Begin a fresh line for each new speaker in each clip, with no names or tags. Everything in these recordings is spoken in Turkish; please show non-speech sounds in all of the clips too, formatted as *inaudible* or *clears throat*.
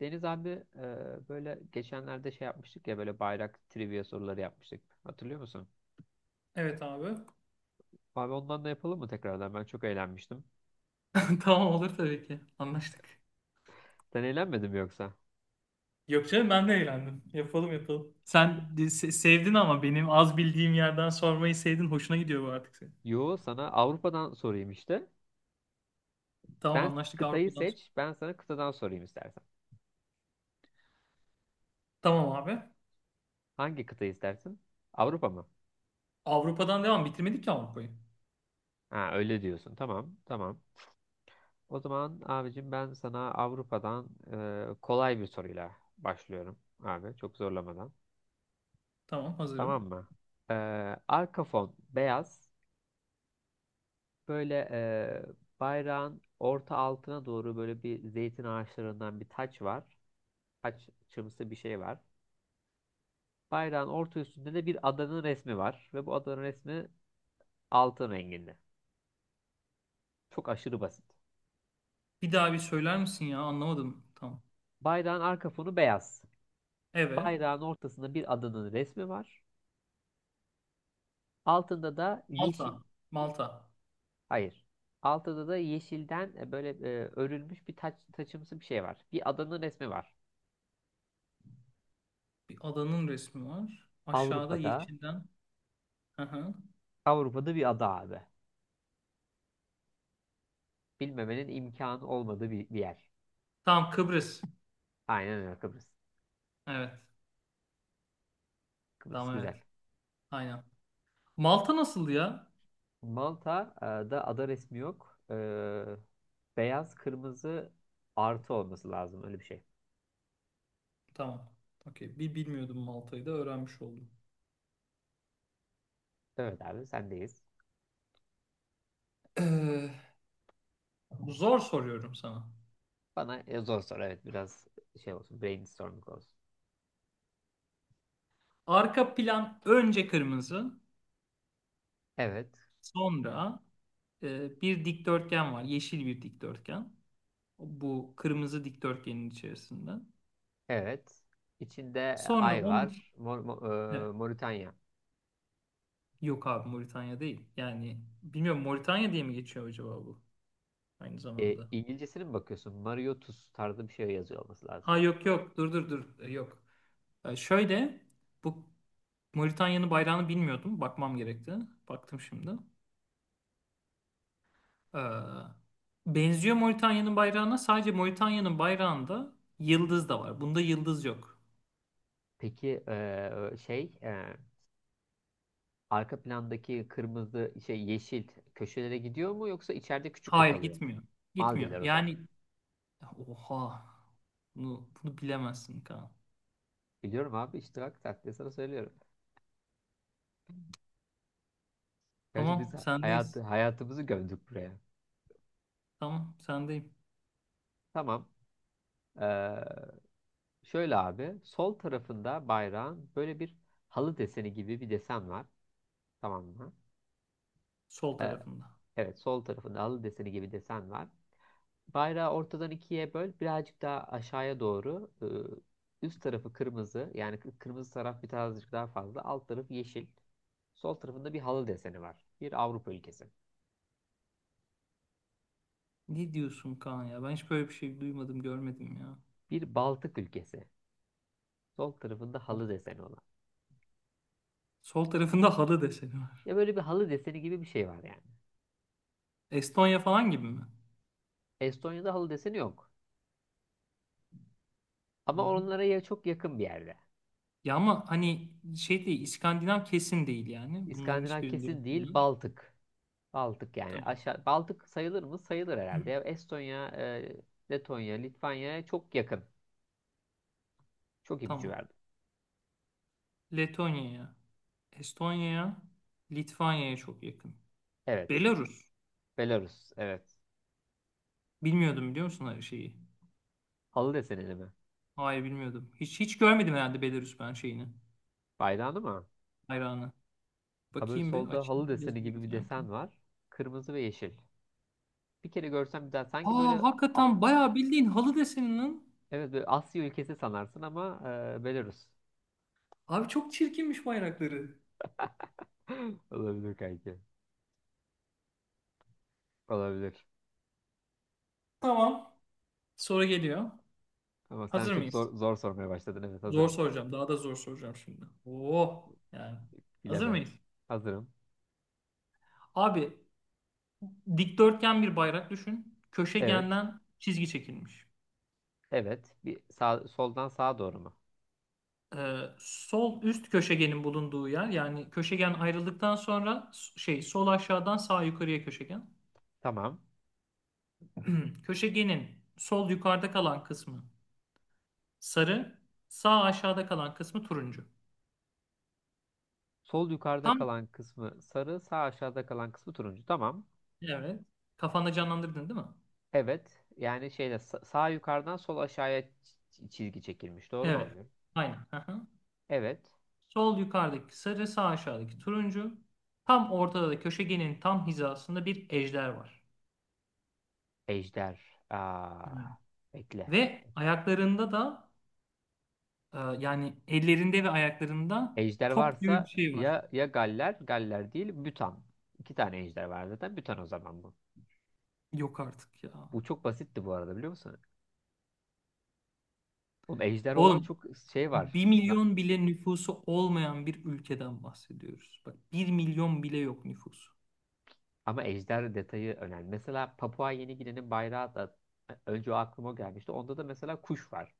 Deniz abi, böyle geçenlerde şey yapmıştık ya, böyle bayrak trivia soruları yapmıştık. Hatırlıyor musun?
Evet abi.
Abi ondan da yapalım mı tekrardan? Ben çok eğlenmiştim.
*laughs* Tamam, olur tabii ki. Anlaştık.
Sen eğlenmedin mi yoksa?
Yok canım, ben de eğlendim. Yapalım yapalım. Sevdin ama benim az bildiğim yerden sormayı sevdin. Hoşuna gidiyor bu artık senin.
Yo, sana Avrupa'dan sorayım işte.
Tamam,
Sen
anlaştık
kıtayı
Avrupa'dan. Sonra.
seç, ben sana kıtadan sorayım istersen.
Tamam abi.
Hangi kıtayı istersin? Avrupa mı?
Avrupa'dan devam. Bitirmedik ki Avrupa'yı.
Ha, öyle diyorsun. Tamam, tamam. O zaman abicim ben sana Avrupa'dan kolay bir soruyla başlıyorum abi, çok zorlamadan.
Tamam,
Tamam
hazırım.
mı? Ee, arka fon beyaz. Böyle bayrağın orta altına doğru böyle bir zeytin ağaçlarından bir taç var. Taç çımsı bir şey var. Bayrağın orta üstünde de bir adanın resmi var. Ve bu adanın resmi altın renginde. Çok aşırı basit.
Bir daha bir söyler misin ya? Anlamadım. Tamam.
Bayrağın arka fonu beyaz.
Evet.
Bayrağın ortasında bir adanın resmi var. Altında da
Malta.
yeşil,
Malta.
hayır. Altında da yeşilden böyle örülmüş bir taç, taçımsı bir şey var. Bir adanın resmi var.
Bir adanın resmi var. Aşağıda
Avrupa'da,
yeşilden. Hı hı.
Avrupa'da bir ada abi, bilmemenin imkanı olmadığı bir yer.
Tamam, Kıbrıs.
Aynen öyle, Kıbrıs.
Evet.
Kıbrıs
Tamam,
güzel.
evet. Aynen. Malta nasıldı ya?
Malta'da ada resmi yok. Beyaz kırmızı artı olması lazım öyle bir şey.
Tamam. Okey. Bir bilmiyordum, Malta'yı da öğrenmiş oldum.
Evet abi, sendeyiz.
Ee, Zor soruyorum sana.
Bana zor soru, evet, biraz şey olsun, brainstorming olsun.
Arka plan önce kırmızı,
Evet,
sonra bir dikdörtgen var. Yeşil bir dikdörtgen. Bu kırmızı dikdörtgenin içerisinde.
evet. İçinde
Sonra
ay
onun iç-
var. Mor,
Ne?
Moritanya.
Yok abi, Moritanya değil. Yani bilmiyorum, Moritanya diye mi geçiyor acaba bu aynı
E,
zamanda?
İngilizcesine mi bakıyorsun? Mario Tus tarzı bir şey yazıyor olması lazım.
Ha yok yok, dur dur dur yok. Şöyle, bu Moritanya'nın bayrağını bilmiyordum. Bakmam gerekti. Baktım şimdi. Ee, benziyor Moritanya'nın bayrağına. Sadece Moritanya'nın bayrağında yıldız da var. Bunda yıldız yok.
Peki arka plandaki kırmızı şey yeşil köşelere gidiyor mu, yoksa içeride küçük mü
Hayır,
kalıyor?
gitmiyor. Gitmiyor.
Maldivler o zaman.
Yani oha. Bunu bilemezsin Kaan.
Biliyorum abi işte, bak, taktiği sana söylüyorum. Gerçi biz
Tamam,
hayatı,
sendeyiz.
hayatımızı gömdük buraya.
Tamam, sendeyim.
Tamam. Ee, şöyle abi, sol tarafında bayrağın böyle bir halı deseni gibi bir desen var. Tamam mı?
Sol
Ee,
tarafında.
evet, sol tarafında halı deseni gibi desen var. Bayrağı ortadan ikiye böl, birazcık daha aşağıya doğru. Üst tarafı kırmızı, yani kırmızı taraf birazcık daha fazla. Alt tarafı yeşil. Sol tarafında bir halı deseni var. Bir Avrupa ülkesi.
Ne diyorsun Kaan ya? Ben hiç böyle bir şey duymadım, görmedim ya.
Bir Baltık ülkesi. Sol tarafında halı deseni olan.
Sol tarafında halı deseni var.
Ya böyle bir halı deseni gibi bir şey var yani.
Estonya falan gibi mi?
Estonya'da halı deseni yok. Ama
Hı.
onlara ya çok yakın bir yerde.
Ya ama hani şey değil, İskandinav kesin değil yani. Bunların
İskandinav
hiçbirinde yok
kesin değil,
bunlar.
Baltık. Baltık, yani
Tabii.
aşağı Baltık sayılır mı? Sayılır herhalde. Ya Estonya, Letonya, Litvanya'ya çok yakın. Çok ipucu
Tamam.
verdim.
Letonya'ya, Estonya'ya, Litvanya'ya çok yakın.
Evet.
Belarus.
Belarus. Evet.
Bilmiyordum, biliyor musun her şeyi?
Halı desenili mi?
Hayır bilmiyordum. Hiç hiç görmedim herhalde Belarus ben şeyini.
Bayrağını mı?
Bayrağını.
Ha, böyle
Bakayım bir
solda halı
açayım.
deseni
Yazıyor
gibi bir
internette.
desen var. Kırmızı ve yeşil. Bir kere görsem bir daha sanki
Aa,
böyle. A-
hakikaten bayağı bildiğin halı deseninin.
evet, böyle Asya ülkesi sanarsın ama Belarus.
Abi, çok çirkinmiş bayrakları.
*laughs* Olabilir kanki. Olabilir.
Tamam. Soru geliyor.
Ama sen
Hazır
çok
mıyız?
zor sormaya başladın. Evet,
Zor
hazırım.
soracağım. Daha da zor soracağım şimdi. Oo yani. Hazır
Bilemem.
mıyız?
Hazırım.
Abi, dikdörtgen bir bayrak düşün.
Evet.
Köşegenden çizgi çekilmiş.
Evet. Bir sağ, soldan sağa doğru mu?
Sol üst köşegenin bulunduğu yer, yani köşegen ayrıldıktan sonra şey, sol aşağıdan sağ yukarıya köşegen.
Tamam.
*clears throat* Köşegenin sol yukarıda kalan kısmı sarı, sağ aşağıda kalan kısmı turuncu.
Sol yukarıda
Tam,
kalan kısmı sarı, sağ aşağıda kalan kısmı turuncu. Tamam.
evet. Kafanda canlandırdın değil mi?
Evet. Yani şeyde sağ yukarıdan sol aşağıya çizgi çekilmiş. Doğru mu
Evet.
anlıyorum?
Aynen. Aha.
Evet.
Sol yukarıdaki sarı, sağ aşağıdaki turuncu. Tam ortada da köşegenin tam hizasında bir ejder var.
Ejder. Aa,
Evet.
bekle.
Ve ayaklarında da yani ellerinde ve ayaklarında
Ejder
top gibi bir
varsa
şey var.
ya ya Galler, Galler değil, Bütan. İki tane ejder var zaten. Bütan o zaman bu.
Yok artık ya.
Bu çok basitti bu arada, biliyor musun? Oğlum ejder olan
Oğlum,
çok şey var.
bir
Na-
milyon bile nüfusu olmayan bir ülkeden bahsediyoruz. Bak, 1 milyon bile yok nüfusu.
Ama ejder detayı önemli. Mesela Papua Yeni Gine'nin bayrağı da önce o aklıma gelmişti. Onda da mesela kuş var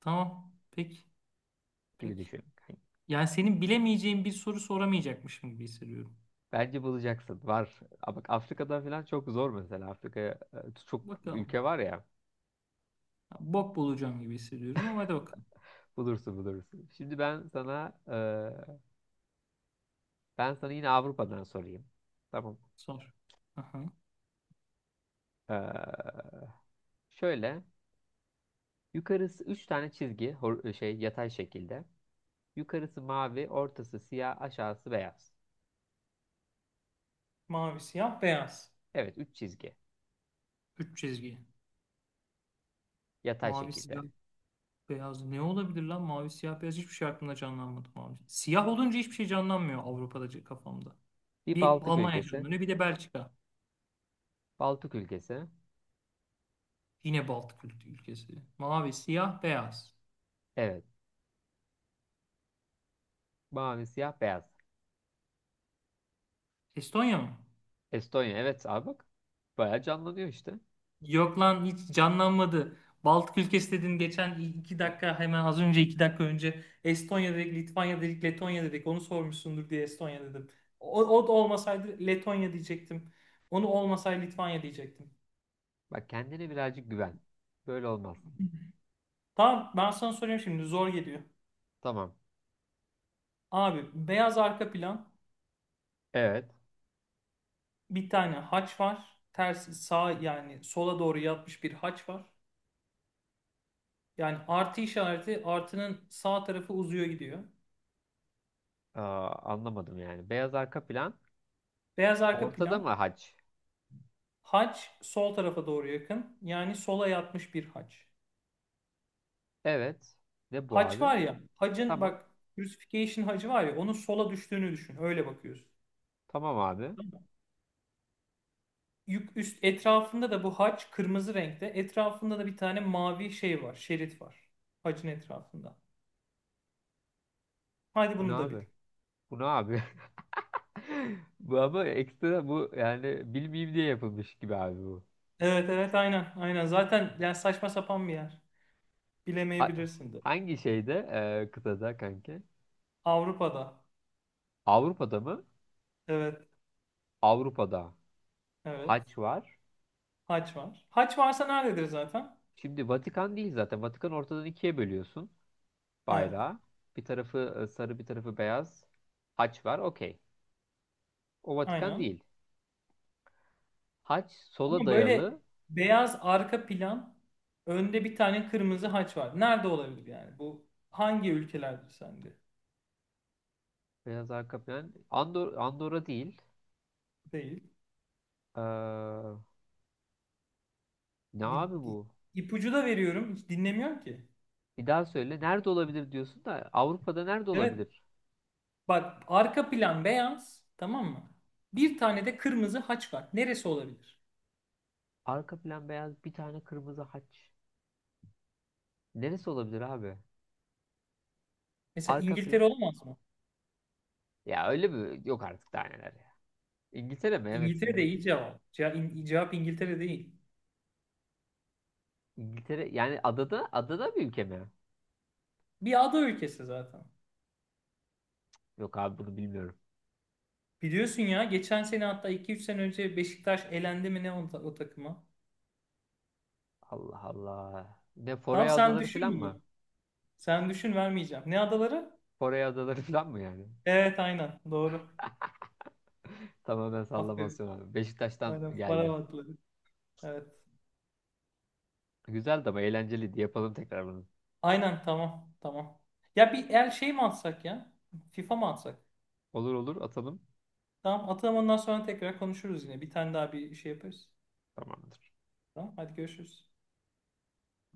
Tamam. Peki.
gibi
Peki.
düşün. Hani
Yani senin bilemeyeceğin bir soru soramayacakmışım gibi hissediyorum.
bence bulacaksın. Var. Ama bak, Afrika'dan falan çok zor mesela. Afrika'ya çok
Bakalım.
ülke var ya.
Ya, bok bulacağım gibi hissediyorum ama hadi bakalım.
Bulursun, bulursun. Şimdi ben sana ben sana yine Avrupa'dan sorayım. Tamam.
Sor. Aha.
E, şöyle yukarısı 3 tane çizgi, şey, yatay şekilde. Yukarısı mavi, ortası siyah, aşağısı beyaz.
Mavi, siyah, beyaz.
Evet, 3 çizgi
Üç çizgi.
yatay
Mavi, siyah.
şekilde.
Beyaz ne olabilir lan? Mavi, siyah, beyaz, hiçbir şey aklımda canlanmadı. Mavi, siyah olunca hiçbir şey canlanmıyor Avrupa'da kafamda.
Bir
Bir
Baltık
Almanya
ülkesi.
canlanıyor, bir de Belçika.
Baltık ülkesi.
Yine Baltık ülkesi. Mavi, siyah, beyaz.
Evet. Mavi, siyah, beyaz.
Estonya mı?
Estonya. Evet abi, bak. Bayağı canlanıyor işte.
Yok lan, hiç canlanmadı. Baltık ülkesi dedin geçen 2 dakika, hemen az önce 2 dakika önce Estonya dedik, Litvanya dedik, Letonya dedik. Onu sormuşsundur diye Estonya dedim. O, o da olmasaydı Letonya diyecektim. Onu olmasaydı Litvanya diyecektim.
Bak, kendine birazcık güven. Böyle olmaz.
Tamam, ben sana soruyorum şimdi zor geliyor.
Tamam.
Abi, beyaz arka plan,
Evet.
bir tane haç var. Ters sağ, yani sola doğru yatmış bir haç var. Yani artı işareti, artının sağ tarafı uzuyor gidiyor.
Aa, anlamadım yani. Beyaz arka plan.
Beyaz arka
Ortada mı
plan,
haç?
haç sol tarafa doğru yakın. Yani sola yatmış bir haç.
Evet. Ne bu
Haç
abi?
var ya, hacın
Tamam.
bak, crucifixion hacı var ya, onun sola düştüğünü düşün. Öyle bakıyorsun.
Tamam abi.
Tamam mı? Yük üst etrafında da bu haç kırmızı renkte. Etrafında da bir tane mavi şey var. Şerit var. Hacın etrafında. Hadi
Bu ne
bunu da bil.
abi? Bu ne abi? *laughs* Bu ama ekstra bu, yani bilmeyeyim diye yapılmış gibi abi bu.
Evet evet, aynen aynen zaten. Yani saçma sapan bir yer,
Ha-
bilemeyebilirsin de.
Hangi şeyde, kıtada kanki?
Avrupa'da,
Avrupa'da mı?
evet
Avrupa'da
evet,
haç var.
haç var. Haç varsa nerededir zaten?
Şimdi Vatikan değil zaten. Vatikan ortadan ikiye bölüyorsun
Evet,
bayrağı. Bir tarafı sarı, bir tarafı beyaz. Haç var, okey. O Vatikan
aynen,
değil. Haç sola
ama böyle
dayalı,
beyaz arka plan, önde bir tane kırmızı haç var. Nerede olabilir yani bu, hangi ülkelerdir sende?
beyaz arka plan. Andorra değil.
Değil.
Ee, ne
bir,
abi
bir
bu?
ipucu da veriyorum, hiç dinlemiyor ki.
Bir daha söyle. Nerede olabilir diyorsun da Avrupa'da nerede
Evet,
olabilir?
bak, arka plan beyaz, tamam mı? Bir tane de kırmızı haç var, neresi olabilir?
Arka plan beyaz, bir tane kırmızı haç. Neresi olabilir abi?
Mesela
Arka
İngiltere
plan.
olamaz mı?
Ya öyle mi? Yok artık, daha neler ya. İngiltere mi? Evet,
İngiltere'de iyi
İngiltere.
cevap. Cevap İngiltere değil.
İngiltere yani adada bir ülke mi?
Bir ada ülkesi zaten.
Yok abi, bunu bilmiyorum.
Biliyorsun ya, geçen sene, hatta iki üç sene önce Beşiktaş elendi mi ne o, o takıma.
Allah Allah. Ne,
Tamam,
Foray
sen
Adaları
düşün
falan mı?
bunu. Sen düşün, vermeyeceğim. Ne adaları?
Foray Adaları *laughs* falan mı yani? *laughs*
Evet, aynen doğru.
Tamamen
Aferin.
sallamasyon abi. Beşiktaş'tan
Aynen, para
geldi.
adaları. Evet.
Güzeldi, ama eğlenceliydi. Yapalım tekrar bunu.
Aynen, tamam tamam. Ya bir el şey mi atsak ya? FIFA mı atsak?
Olur olur, atalım.
Tamam, atalım, ondan sonra tekrar konuşuruz yine. Bir tane daha bir şey yaparız.
Tamamdır.
Tamam, hadi görüşürüz.